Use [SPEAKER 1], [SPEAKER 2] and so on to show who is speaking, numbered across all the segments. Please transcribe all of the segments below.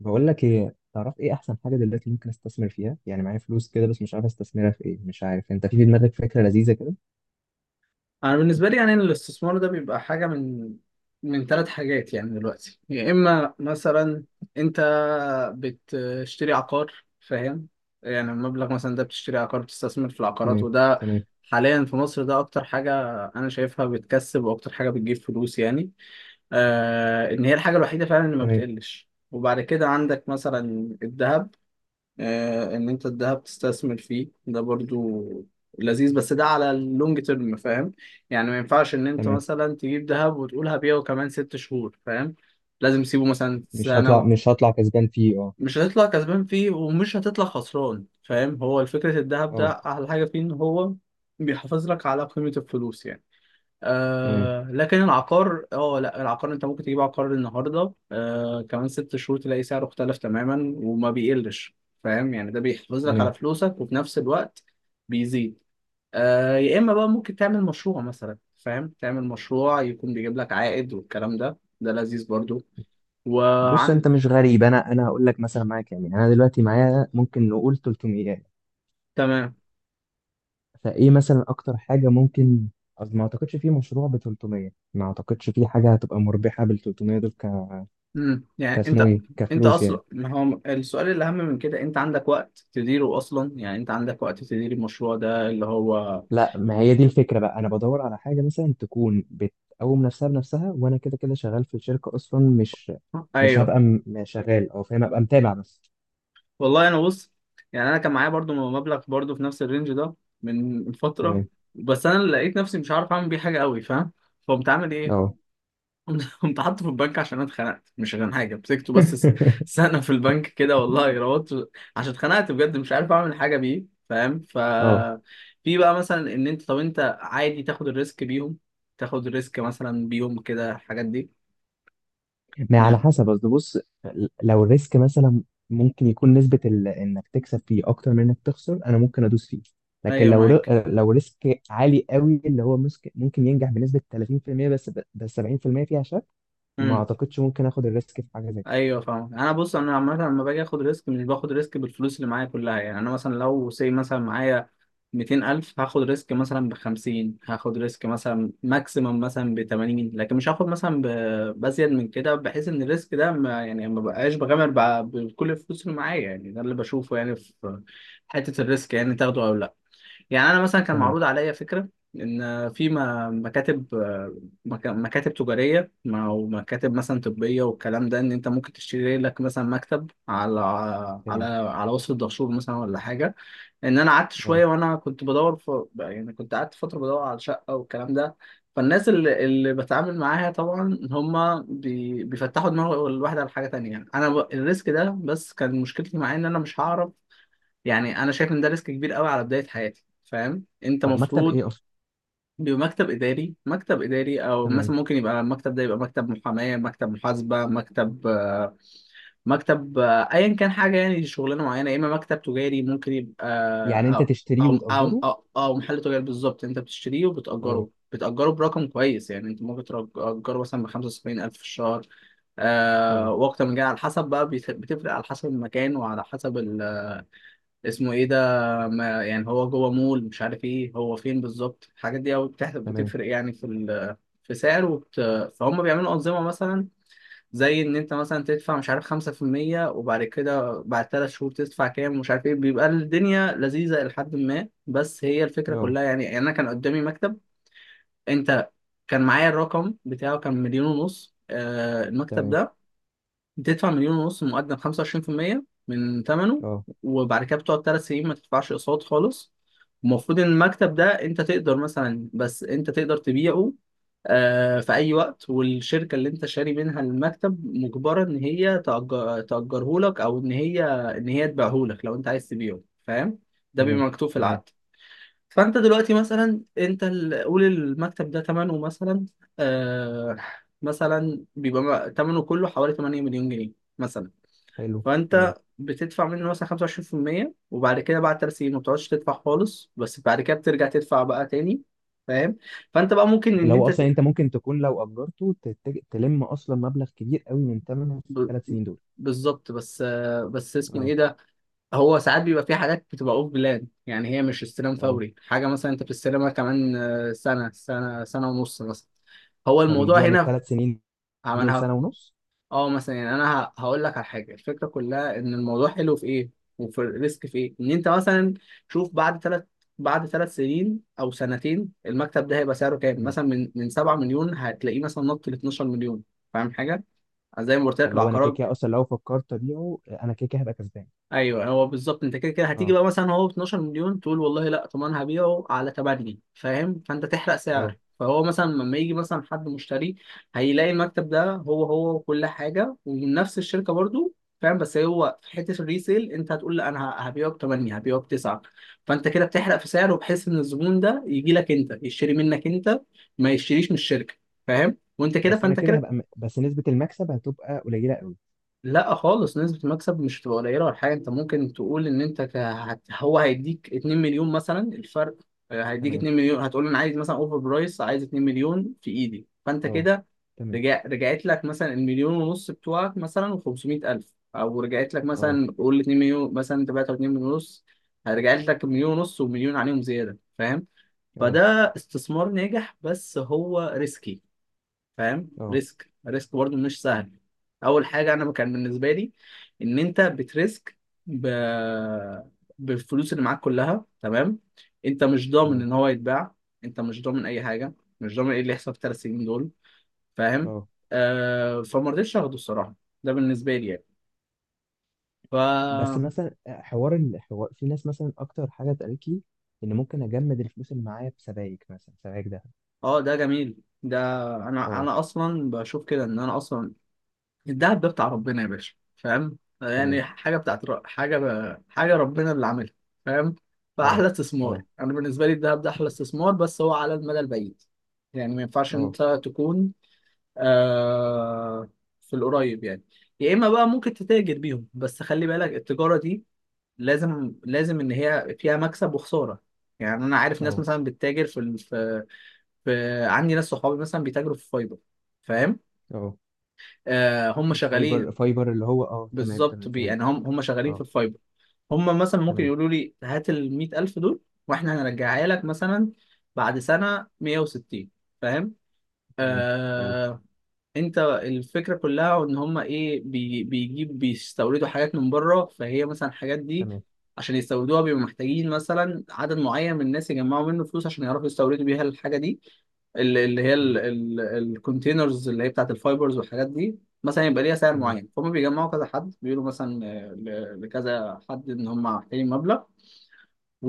[SPEAKER 1] بقول لك ايه، تعرف ايه احسن حاجه دلوقتي ممكن استثمر فيها؟ يعني معايا فلوس كده بس مش عارف استثمرها في ايه. مش عارف انت، في دماغك فكره لذيذه كده؟
[SPEAKER 2] انا بالنسبه لي يعني إن الاستثمار ده بيبقى حاجه من 3 حاجات. يعني دلوقتي يا اما مثلا انت بتشتري عقار. فاهم؟ يعني المبلغ مثلا ده بتشتري عقار، بتستثمر في العقارات،
[SPEAKER 1] تمام.
[SPEAKER 2] وده
[SPEAKER 1] تمام.
[SPEAKER 2] حاليا في مصر ده اكتر حاجه انا شايفها بتكسب واكتر حاجه بتجيب فلوس يعني. ان هي الحاجه الوحيده فعلا اللي ما
[SPEAKER 1] تمام.
[SPEAKER 2] بتقلش. وبعد كده عندك مثلا الذهب. ان انت الذهب تستثمر فيه ده برضو لذيذ، بس ده على اللونج تيرم. فاهم؟ يعني ما ينفعش ان انت
[SPEAKER 1] تمام.
[SPEAKER 2] مثلا تجيب ذهب وتقول هبيعه كمان 6 شهور. فاهم؟ لازم تسيبه مثلا
[SPEAKER 1] مش هطلع
[SPEAKER 2] سنة.
[SPEAKER 1] مش هطلع كسبان فيه، اه.
[SPEAKER 2] مش هتطلع كسبان فيه ومش هتطلع خسران. فاهم؟ هو الفكرة الذهب ده
[SPEAKER 1] اه.
[SPEAKER 2] احلى حاجة فيه ان هو بيحافظ لك على قيمة الفلوس يعني.
[SPEAKER 1] تمام.
[SPEAKER 2] لكن العقار اه لا، العقار انت ممكن تجيب عقار النهارده، كمان 6 شهور تلاقي سعره اختلف تماما وما بيقلش. فاهم؟ يعني ده بيحافظ لك
[SPEAKER 1] تمام.
[SPEAKER 2] على فلوسك وفي نفس الوقت بيزيد. يا اما بقى ممكن تعمل مشروع مثلا. فاهم؟ تعمل مشروع يكون بيجيب لك عائد والكلام ده ده لذيذ برضو.
[SPEAKER 1] بص
[SPEAKER 2] وعن
[SPEAKER 1] انت مش غريب، انا هقول لك مثلا معايا كام. يعني انا دلوقتي معايا ممكن نقول 300.
[SPEAKER 2] تمام.
[SPEAKER 1] فايه مثلا اكتر حاجه ممكن؟ قصدي ما اعتقدش في مشروع ب 300، ما اعتقدش في حاجه هتبقى مربحه بال 300 دول.
[SPEAKER 2] يعني
[SPEAKER 1] كاسمه
[SPEAKER 2] انت،
[SPEAKER 1] ايه، كفلوس يعني.
[SPEAKER 2] اصلا ما هو السؤال الاهم من كده، انت عندك وقت تديره اصلا؟ يعني انت عندك وقت تدير المشروع ده اللي هو،
[SPEAKER 1] لا، ما هي دي الفكرة بقى. أنا بدور على حاجة مثلا تكون بتقوم نفسها بنفسها، وأنا كده كده شغال في الشركة أصلا. مش
[SPEAKER 2] ايوه.
[SPEAKER 1] هبقى شغال، أو فاهم أبقى متابع بس.
[SPEAKER 2] والله انا بص، يعني انا كان معايا برضو مبلغ برضو في نفس الرينج ده من فتره.
[SPEAKER 1] تمام.
[SPEAKER 2] بس انا لقيت نفسي مش عارف اعمل بيه حاجه قوي. فاهم؟ فقمت عامل ايه؟
[SPEAKER 1] أه.
[SPEAKER 2] قمت حاطه في البنك عشان انا اتخنقت، مش عشان حاجه مسكته. بس سنه في البنك كده والله، روضت عشان اتخنقت بجد مش عارف اعمل حاجه بيه. فاهم؟
[SPEAKER 1] أه.
[SPEAKER 2] في بقى مثلا ان انت، طب انت عادي تاخد الريسك بيهم؟ تاخد الريسك مثلا بيهم كده الحاجات دي؟
[SPEAKER 1] ما على
[SPEAKER 2] يعني
[SPEAKER 1] حسب، قصدي بص. لو الريسك مثلا ممكن يكون نسبة إنك تكسب فيه أكتر من إنك تخسر، أنا ممكن أدوس فيه. لكن
[SPEAKER 2] ايوه
[SPEAKER 1] لو
[SPEAKER 2] معاك.
[SPEAKER 1] لو ريسك عالي قوي، اللي هو ممكن ينجح بنسبة 30%، بس 70% فيها شك. ما
[SPEAKER 2] إمم.
[SPEAKER 1] أعتقدش ممكن آخد الريسك في حاجة زي كده.
[SPEAKER 2] ايوه فاهم. انا بص، انا عامه لما باجي اخد ريسك، مش باخد ريسك بالفلوس اللي معايا كلها. يعني انا مثلا لو سي مثلا معايا 200,000، هاخد ريسك مثلا ب 50، هاخد ريسك مثلا ماكسيمم مثلا ب 80. لكن مش هاخد مثلا بزيد من كده، بحيث ان الريسك ده ما يعني ما بقاش بغامر بكل الفلوس اللي معايا. يعني ده اللي بشوفه يعني في حته الريسك، يعني تاخده او لا. يعني انا مثلا كان
[SPEAKER 1] تمام.
[SPEAKER 2] معروض عليا فكره ان في مكاتب، مكاتب تجاريه او مكاتب مثلا طبيه والكلام ده، ان انت ممكن تشتري لك مثلا مكتب على على
[SPEAKER 1] تمام.
[SPEAKER 2] على وصف الدهشور مثلا ولا حاجه. ان انا قعدت
[SPEAKER 1] اه.
[SPEAKER 2] شويه وانا كنت بدور في، يعني كنت قعدت فتره بدور على شقه والكلام ده. فالناس اللي بتعامل معاها طبعا هم بيفتحوا دماغ الواحد على حاجه تانية. انا الريسك ده بس كان مشكلتي معاه ان انا مش هعرف. يعني انا شايف ان ده ريسك كبير قوي على بدايه حياتي. فاهم؟ انت
[SPEAKER 1] طب مكتب
[SPEAKER 2] مفروض
[SPEAKER 1] ايه اصلا؟
[SPEAKER 2] بمكتب اداري، مكتب اداري، او
[SPEAKER 1] تمام.
[SPEAKER 2] مثلا ممكن يبقى المكتب ده يبقى مكتب محاماه، مكتب محاسبه، مكتب، مكتب، ايا كان حاجه يعني شغلانه معينه، يا اما مكتب تجاري ممكن يبقى،
[SPEAKER 1] يعني انت
[SPEAKER 2] او
[SPEAKER 1] تشتريه وتأجره؟
[SPEAKER 2] أو محل تجاري. بالظبط انت بتشتريه
[SPEAKER 1] اه.
[SPEAKER 2] وبتاجره، بتاجره برقم كويس. يعني انت ممكن تاجره مثلا ب 75,000 في الشهر.
[SPEAKER 1] اه.
[SPEAKER 2] واكتر من كده على حسب بقى بتفرق على حسب المكان وعلى حسب ال، اسمه ايه ده، ما يعني هو جوه مول مش عارف ايه، هو فين بالظبط. الحاجات دي قوي بتحسب،
[SPEAKER 1] تمام.
[SPEAKER 2] بتفرق يعني في ال، في سعر فهم بيعملوا أنظمة مثلا، زي إن أنت مثلا تدفع، مش عارف، خمسة في المية وبعد كده بعد 3 شهور تدفع كام ومش عارف إيه. بيبقى الدنيا لذيذة لحد ما، بس هي الفكرة
[SPEAKER 1] اه.
[SPEAKER 2] كلها يعني. أنا كان قدامي مكتب. أنت كان معايا الرقم بتاعه، كان مليون ونص. المكتب
[SPEAKER 1] تمام.
[SPEAKER 2] ده بتدفع مليون ونص مقدم 25% من ثمنه،
[SPEAKER 1] اه.
[SPEAKER 2] وبعد كده بتقعد 3 سنين ما تدفعش اقساط خالص. المفروض ان المكتب ده انت تقدر مثلا، بس انت تقدر تبيعه في اي وقت، والشركه اللي انت شاري منها المكتب مجبره ان هي تأجر، تأجره لك، او ان هي تبيعه لك لو انت عايز تبيعه. فاهم؟ ده بيبقى
[SPEAKER 1] تمام.
[SPEAKER 2] مكتوب في
[SPEAKER 1] تمام.
[SPEAKER 2] العقد. فانت دلوقتي مثلا انت قول المكتب ده ثمنه مثلا، آه مثلا بيبقى ثمنه كله حوالي 8 مليون جنيه مثلا.
[SPEAKER 1] حلو.
[SPEAKER 2] فانت
[SPEAKER 1] تمام.
[SPEAKER 2] بتدفع منه مثلا 25%، وبعد كده بعد 3 سنين ما بتقعدش تدفع خالص، بس بعد كده بترجع تدفع بقى تاني. فاهم؟ فانت بقى ممكن ان
[SPEAKER 1] اللي هو
[SPEAKER 2] انت
[SPEAKER 1] اصلا انت ممكن تكون لو اجرته تلم اصلا مبلغ كبير قوي من ثمنه في
[SPEAKER 2] ب-
[SPEAKER 1] الثلاث سنين دول.
[SPEAKER 2] بالظبط. بس بس اسمه
[SPEAKER 1] اه.
[SPEAKER 2] ايه، هو ساعات بيبقى في حاجات بتبقى اوف بلان. يعني هي مش استلام
[SPEAKER 1] اه.
[SPEAKER 2] فوري، حاجه مثلا انت بتستلمها كمان سنه، سنه ونص مثلا. هو الموضوع
[SPEAKER 1] فبيضيع من
[SPEAKER 2] هنا
[SPEAKER 1] الثلاث سنين دول
[SPEAKER 2] عملها.
[SPEAKER 1] سنه ونص.
[SPEAKER 2] اه مثلا يعني انا هقول لك على حاجه، الفكره كلها ان الموضوع حلو في ايه وفي الريسك في ايه. ان انت مثلا شوف بعد ثلاث، بعد ثلاث سنين او سنتين المكتب ده هيبقى سعره كام؟
[SPEAKER 1] تمام.
[SPEAKER 2] مثلا من 7 مليون هتلاقيه مثلا نط ل 12 مليون. فاهم؟ حاجه زي ما قلت لك
[SPEAKER 1] فاللي هو انا كده
[SPEAKER 2] العقارات.
[SPEAKER 1] كده اصلا لو فكرت ابيعه، انا كده كده هبقى كسبان.
[SPEAKER 2] ايوه هو بالظبط. انت كده كده هتيجي
[SPEAKER 1] اه.
[SPEAKER 2] بقى مثلا هو ب 12 مليون تقول والله لا، طب انا هبيعه على 8. فاهم؟ فانت تحرق سعر،
[SPEAKER 1] اه.
[SPEAKER 2] فهو مثلا لما يجي مثلا حد مشتري، هيلاقي المكتب ده هو هو وكل حاجه ومن نفس الشركه برضو. فاهم؟ بس هو في حته الريسيل، انت هتقول لا، انا هبيعه ب 8، هبيعه ب 9. فانت كده بتحرق في سعره، بحيث ان الزبون ده يجي لك انت يشتري منك انت، ما يشتريش من الشركه. فاهم؟ وانت كده
[SPEAKER 1] بس انا
[SPEAKER 2] فانت
[SPEAKER 1] كده
[SPEAKER 2] كده،
[SPEAKER 1] هبقى بس نسبه المكسب هتبقى قليله قوي.
[SPEAKER 2] لا خالص، نسبة المكسب مش هتبقى قليلة ولا حاجة. انت ممكن تقول ان انت هو هيديك 2 مليون مثلا الفرق. هيديك
[SPEAKER 1] تمام.
[SPEAKER 2] 2 مليون. هتقول انا عايز مثلا اوفر برايس، عايز 2 مليون في ايدي. فانت
[SPEAKER 1] اه.
[SPEAKER 2] كده
[SPEAKER 1] تمام.
[SPEAKER 2] رجعت لك مثلا المليون ونص بتوعك مثلا و500 الف، او رجعت لك
[SPEAKER 1] اه.
[SPEAKER 2] مثلا قول 2 مليون، مثلا انت بعت 2 مليون ونص، رجعت لك مليون ونص ومليون عليهم زيادة. فاهم؟
[SPEAKER 1] اه.
[SPEAKER 2] فده استثمار ناجح بس هو ريسكي. فاهم؟
[SPEAKER 1] اه.
[SPEAKER 2] ريسك برضو مش سهل. اول حاجه انا كان بالنسبه لي ان انت بتريسك ب... بالفلوس اللي معاك كلها، تمام. انت مش ضامن
[SPEAKER 1] تمام.
[SPEAKER 2] ان هو يتباع، انت مش ضامن اي حاجه، مش ضامن ايه اللي يحصل في الـ3 سنين دول. فاهم؟
[SPEAKER 1] اه.
[SPEAKER 2] فما رضيتش اخده الصراحه. ده بالنسبه لي يعني. ف
[SPEAKER 1] بس مثلا حوار الحوار، في ناس مثلا اكتر حاجه اتقالت لي ان ممكن اجمد الفلوس اللي معايا في سبائك، مثلا سبائك ده.
[SPEAKER 2] اه ده جميل. ده انا
[SPEAKER 1] اه.
[SPEAKER 2] انا اصلا بشوف كده، ان انا اصلا الدهب ده بتاع ربنا يا باشا. فاهم؟
[SPEAKER 1] تمام.
[SPEAKER 2] يعني حاجه بتاعت حاجه حاجه ربنا اللي عاملها. فاهم؟
[SPEAKER 1] اه.
[SPEAKER 2] فاحلى استثمار
[SPEAKER 1] اه.
[SPEAKER 2] انا بالنسبه لي الدهب ده احلى استثمار، بس هو على المدى البعيد. يعني ما ينفعش ان
[SPEAKER 1] اه.
[SPEAKER 2] انت تكون، آه... في القريب يعني. يا اما بقى ممكن تتاجر بيهم، بس خلي بالك التجاره دي لازم، ان هي فيها مكسب وخساره. يعني انا عارف ناس
[SPEAKER 1] اه.
[SPEAKER 2] مثلا بتتاجر في، في عندي ناس صحابي مثلا بيتاجروا في فايبر. فاهم؟
[SPEAKER 1] اه.
[SPEAKER 2] آه هم
[SPEAKER 1] الفايبر،
[SPEAKER 2] شغالين.
[SPEAKER 1] فايبر اللي هو، اه تمام
[SPEAKER 2] بالظبط،
[SPEAKER 1] تمام فهمت.
[SPEAKER 2] يعني هم شغالين في
[SPEAKER 1] اه.
[SPEAKER 2] الفايبر. هم مثلا ممكن
[SPEAKER 1] تمام.
[SPEAKER 2] يقولوا لي هات ال 100,000 دول، واحنا هنرجعها لك مثلا بعد سنه 160. فاهم؟
[SPEAKER 1] تمام. اه.
[SPEAKER 2] آه، انت الفكره كلها ان هم ايه، بيستوردوا حاجات من بره. فهي مثلا الحاجات دي،
[SPEAKER 1] تمام.
[SPEAKER 2] عشان يستوردوها بيبقوا محتاجين مثلا عدد معين من الناس يجمعوا منه فلوس عشان يعرفوا يستوردوا بيها الحاجه دي. اللي هي
[SPEAKER 1] حلو.
[SPEAKER 2] الكونتينرز اللي هي بتاعت الفايبرز والحاجات دي، مثلا يبقى ليها سعر
[SPEAKER 1] تمام.
[SPEAKER 2] معين. فهم بيجمعوا كذا حد، بيقولوا مثلا لكذا حد ان هم محتاجين مبلغ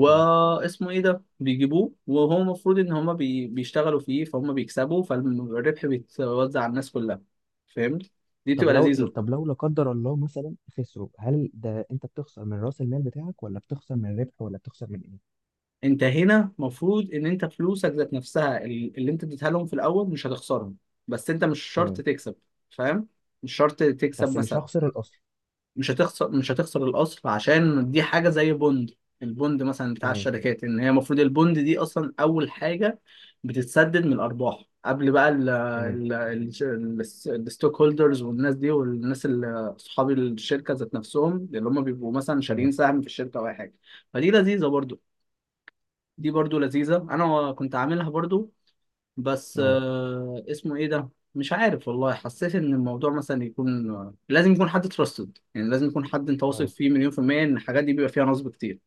[SPEAKER 1] تمام.
[SPEAKER 2] ايه ده، بيجيبوه وهو المفروض ان هما بيشتغلوا فيه. فهم بيكسبوا، فالربح بيتوزع على الناس كلها. فهمت؟ دي
[SPEAKER 1] طب
[SPEAKER 2] بتبقى
[SPEAKER 1] لو
[SPEAKER 2] لذيذة.
[SPEAKER 1] لا قدر الله مثلا خسروا، هل ده انت بتخسر من راس المال بتاعك، ولا بتخسر من الربح، ولا بتخسر من ايه؟
[SPEAKER 2] انت هنا المفروض ان انت فلوسك ذات نفسها اللي انت اديتها لهم في الاول مش هتخسرهم، بس انت مش شرط
[SPEAKER 1] تمام.
[SPEAKER 2] تكسب. فاهم؟ مش شرط تكسب
[SPEAKER 1] بس مش
[SPEAKER 2] مثلا.
[SPEAKER 1] هخسر الاصل؟
[SPEAKER 2] مش هتخسر، مش هتخسر الاصل، عشان دي حاجه زي بوند. البوند مثلا بتاع
[SPEAKER 1] تمام.
[SPEAKER 2] الشركات، ان هي المفروض البوند دي اصلا اول حاجه بتتسدد من الارباح قبل بقى
[SPEAKER 1] تمام.
[SPEAKER 2] ال الستوك هولدرز والناس دي، والناس اللي اصحاب الشركه ذات نفسهم، اللي هم بيبقوا مثلا شاريين
[SPEAKER 1] تمام.
[SPEAKER 2] سهم في الشركه او اي حاجه. فدي لذيذه برضو، دي برضو لذيذه. انا كنت عاملها برضو. بس
[SPEAKER 1] اه.
[SPEAKER 2] اسمه ايه ده، مش عارف والله. حسيت ان الموضوع مثلا يكون لازم يكون حد تراستد، يعني لازم يكون حد انت واثق
[SPEAKER 1] اه.
[SPEAKER 2] فيه مليون في المية، ان الحاجات دي بيبقى فيها نصب كتير.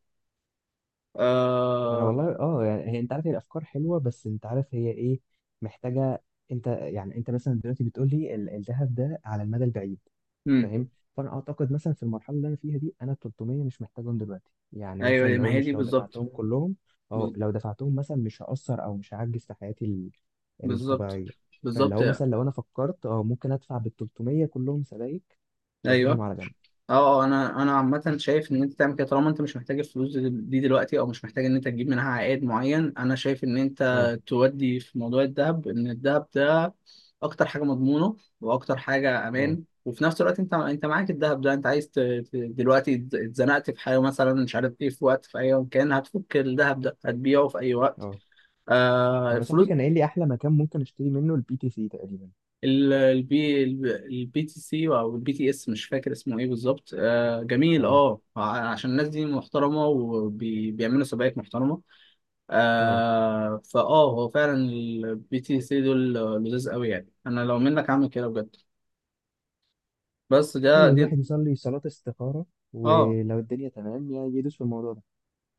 [SPEAKER 1] انا
[SPEAKER 2] آه...
[SPEAKER 1] والله اه، يعني هي انت عارف هي الافكار حلوه، بس انت عارف هي ايه؟ محتاجه. انت يعني انت مثلا دلوقتي بتقول لي الذهب ده على المدى البعيد.
[SPEAKER 2] مم.
[SPEAKER 1] فاهم. فانا اعتقد مثلا في المرحله اللي انا فيها دي، انا 300 مش محتاجهم دلوقتي، يعني مثلا
[SPEAKER 2] ايوه،
[SPEAKER 1] اللي
[SPEAKER 2] ما
[SPEAKER 1] هو،
[SPEAKER 2] هي دي
[SPEAKER 1] مش لو
[SPEAKER 2] بالظبط.
[SPEAKER 1] دفعتهم كلهم. اه.
[SPEAKER 2] بال-
[SPEAKER 1] لو دفعتهم مثلا مش هأثر او مش هعجز في حياتي
[SPEAKER 2] بالظبط،
[SPEAKER 1] الطبيعيه. فاللي
[SPEAKER 2] بالظبط
[SPEAKER 1] هو
[SPEAKER 2] يعني.
[SPEAKER 1] مثلا لو انا فكرت، اه ممكن ادفع بال 300 كلهم سبائك واسيبهم
[SPEAKER 2] ايوه
[SPEAKER 1] على جنب.
[SPEAKER 2] اه. انا انا عامه شايف ان انت تعمل كده، طالما انت مش محتاج الفلوس دي دلوقتي او مش محتاج ان انت تجيب منها عائد معين، انا شايف ان انت
[SPEAKER 1] اه.
[SPEAKER 2] تودي في موضوع الذهب، ان الذهب ده اكتر حاجه مضمونه واكتر حاجه
[SPEAKER 1] اه.
[SPEAKER 2] امان، وفي نفس الوقت انت، معاك الذهب ده انت عايز دلوقتي اتزنقت في حاجه مثلا مش عارف ايه، في وقت في اي مكان هتفك الذهب ده هتبيعه في اي وقت.
[SPEAKER 1] اه. انا صاحبي
[SPEAKER 2] الفلوس.
[SPEAKER 1] كان قايل لي احلى مكان ممكن اشتري منه البي تي سي تقريبا.
[SPEAKER 2] ال- البي البي تي سي او البي تي اس مش فاكر اسمه ايه بالظبط. جميل
[SPEAKER 1] اه.
[SPEAKER 2] اه. عشان الناس دي محترمه وبيعملوا سبائك محترمه.
[SPEAKER 1] اه.
[SPEAKER 2] آه فاه هو فعلا البي تي سي دول لذيذ قوي. يعني انا لو منك اعمل كده بجد. بس ده
[SPEAKER 1] حلو.
[SPEAKER 2] دي
[SPEAKER 1] الواحد يصلي صلاة استخارة،
[SPEAKER 2] اه
[SPEAKER 1] ولو الدنيا تمام يدوس في الموضوع ده.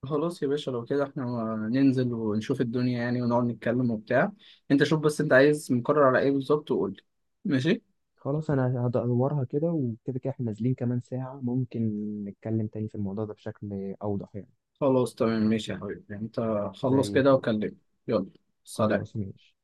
[SPEAKER 2] خلاص يا باشا. لو كده احنا ننزل ونشوف الدنيا يعني، ونقعد نتكلم وبتاع. انت شوف بس انت عايز مقرر على ايه بالظبط وقول لي. ماشي.
[SPEAKER 1] خلاص. انا هدورها كده، وكده كده احنا نازلين كمان ساعة، ممكن نتكلم تاني في الموضوع ده بشكل اوضح يعني.
[SPEAKER 2] خلاص تمام ماشي يا حبيبي انت، خلص
[SPEAKER 1] زي
[SPEAKER 2] كده
[SPEAKER 1] الفل.
[SPEAKER 2] وكلمني. يلا. سلام.
[SPEAKER 1] خلاص ماشي.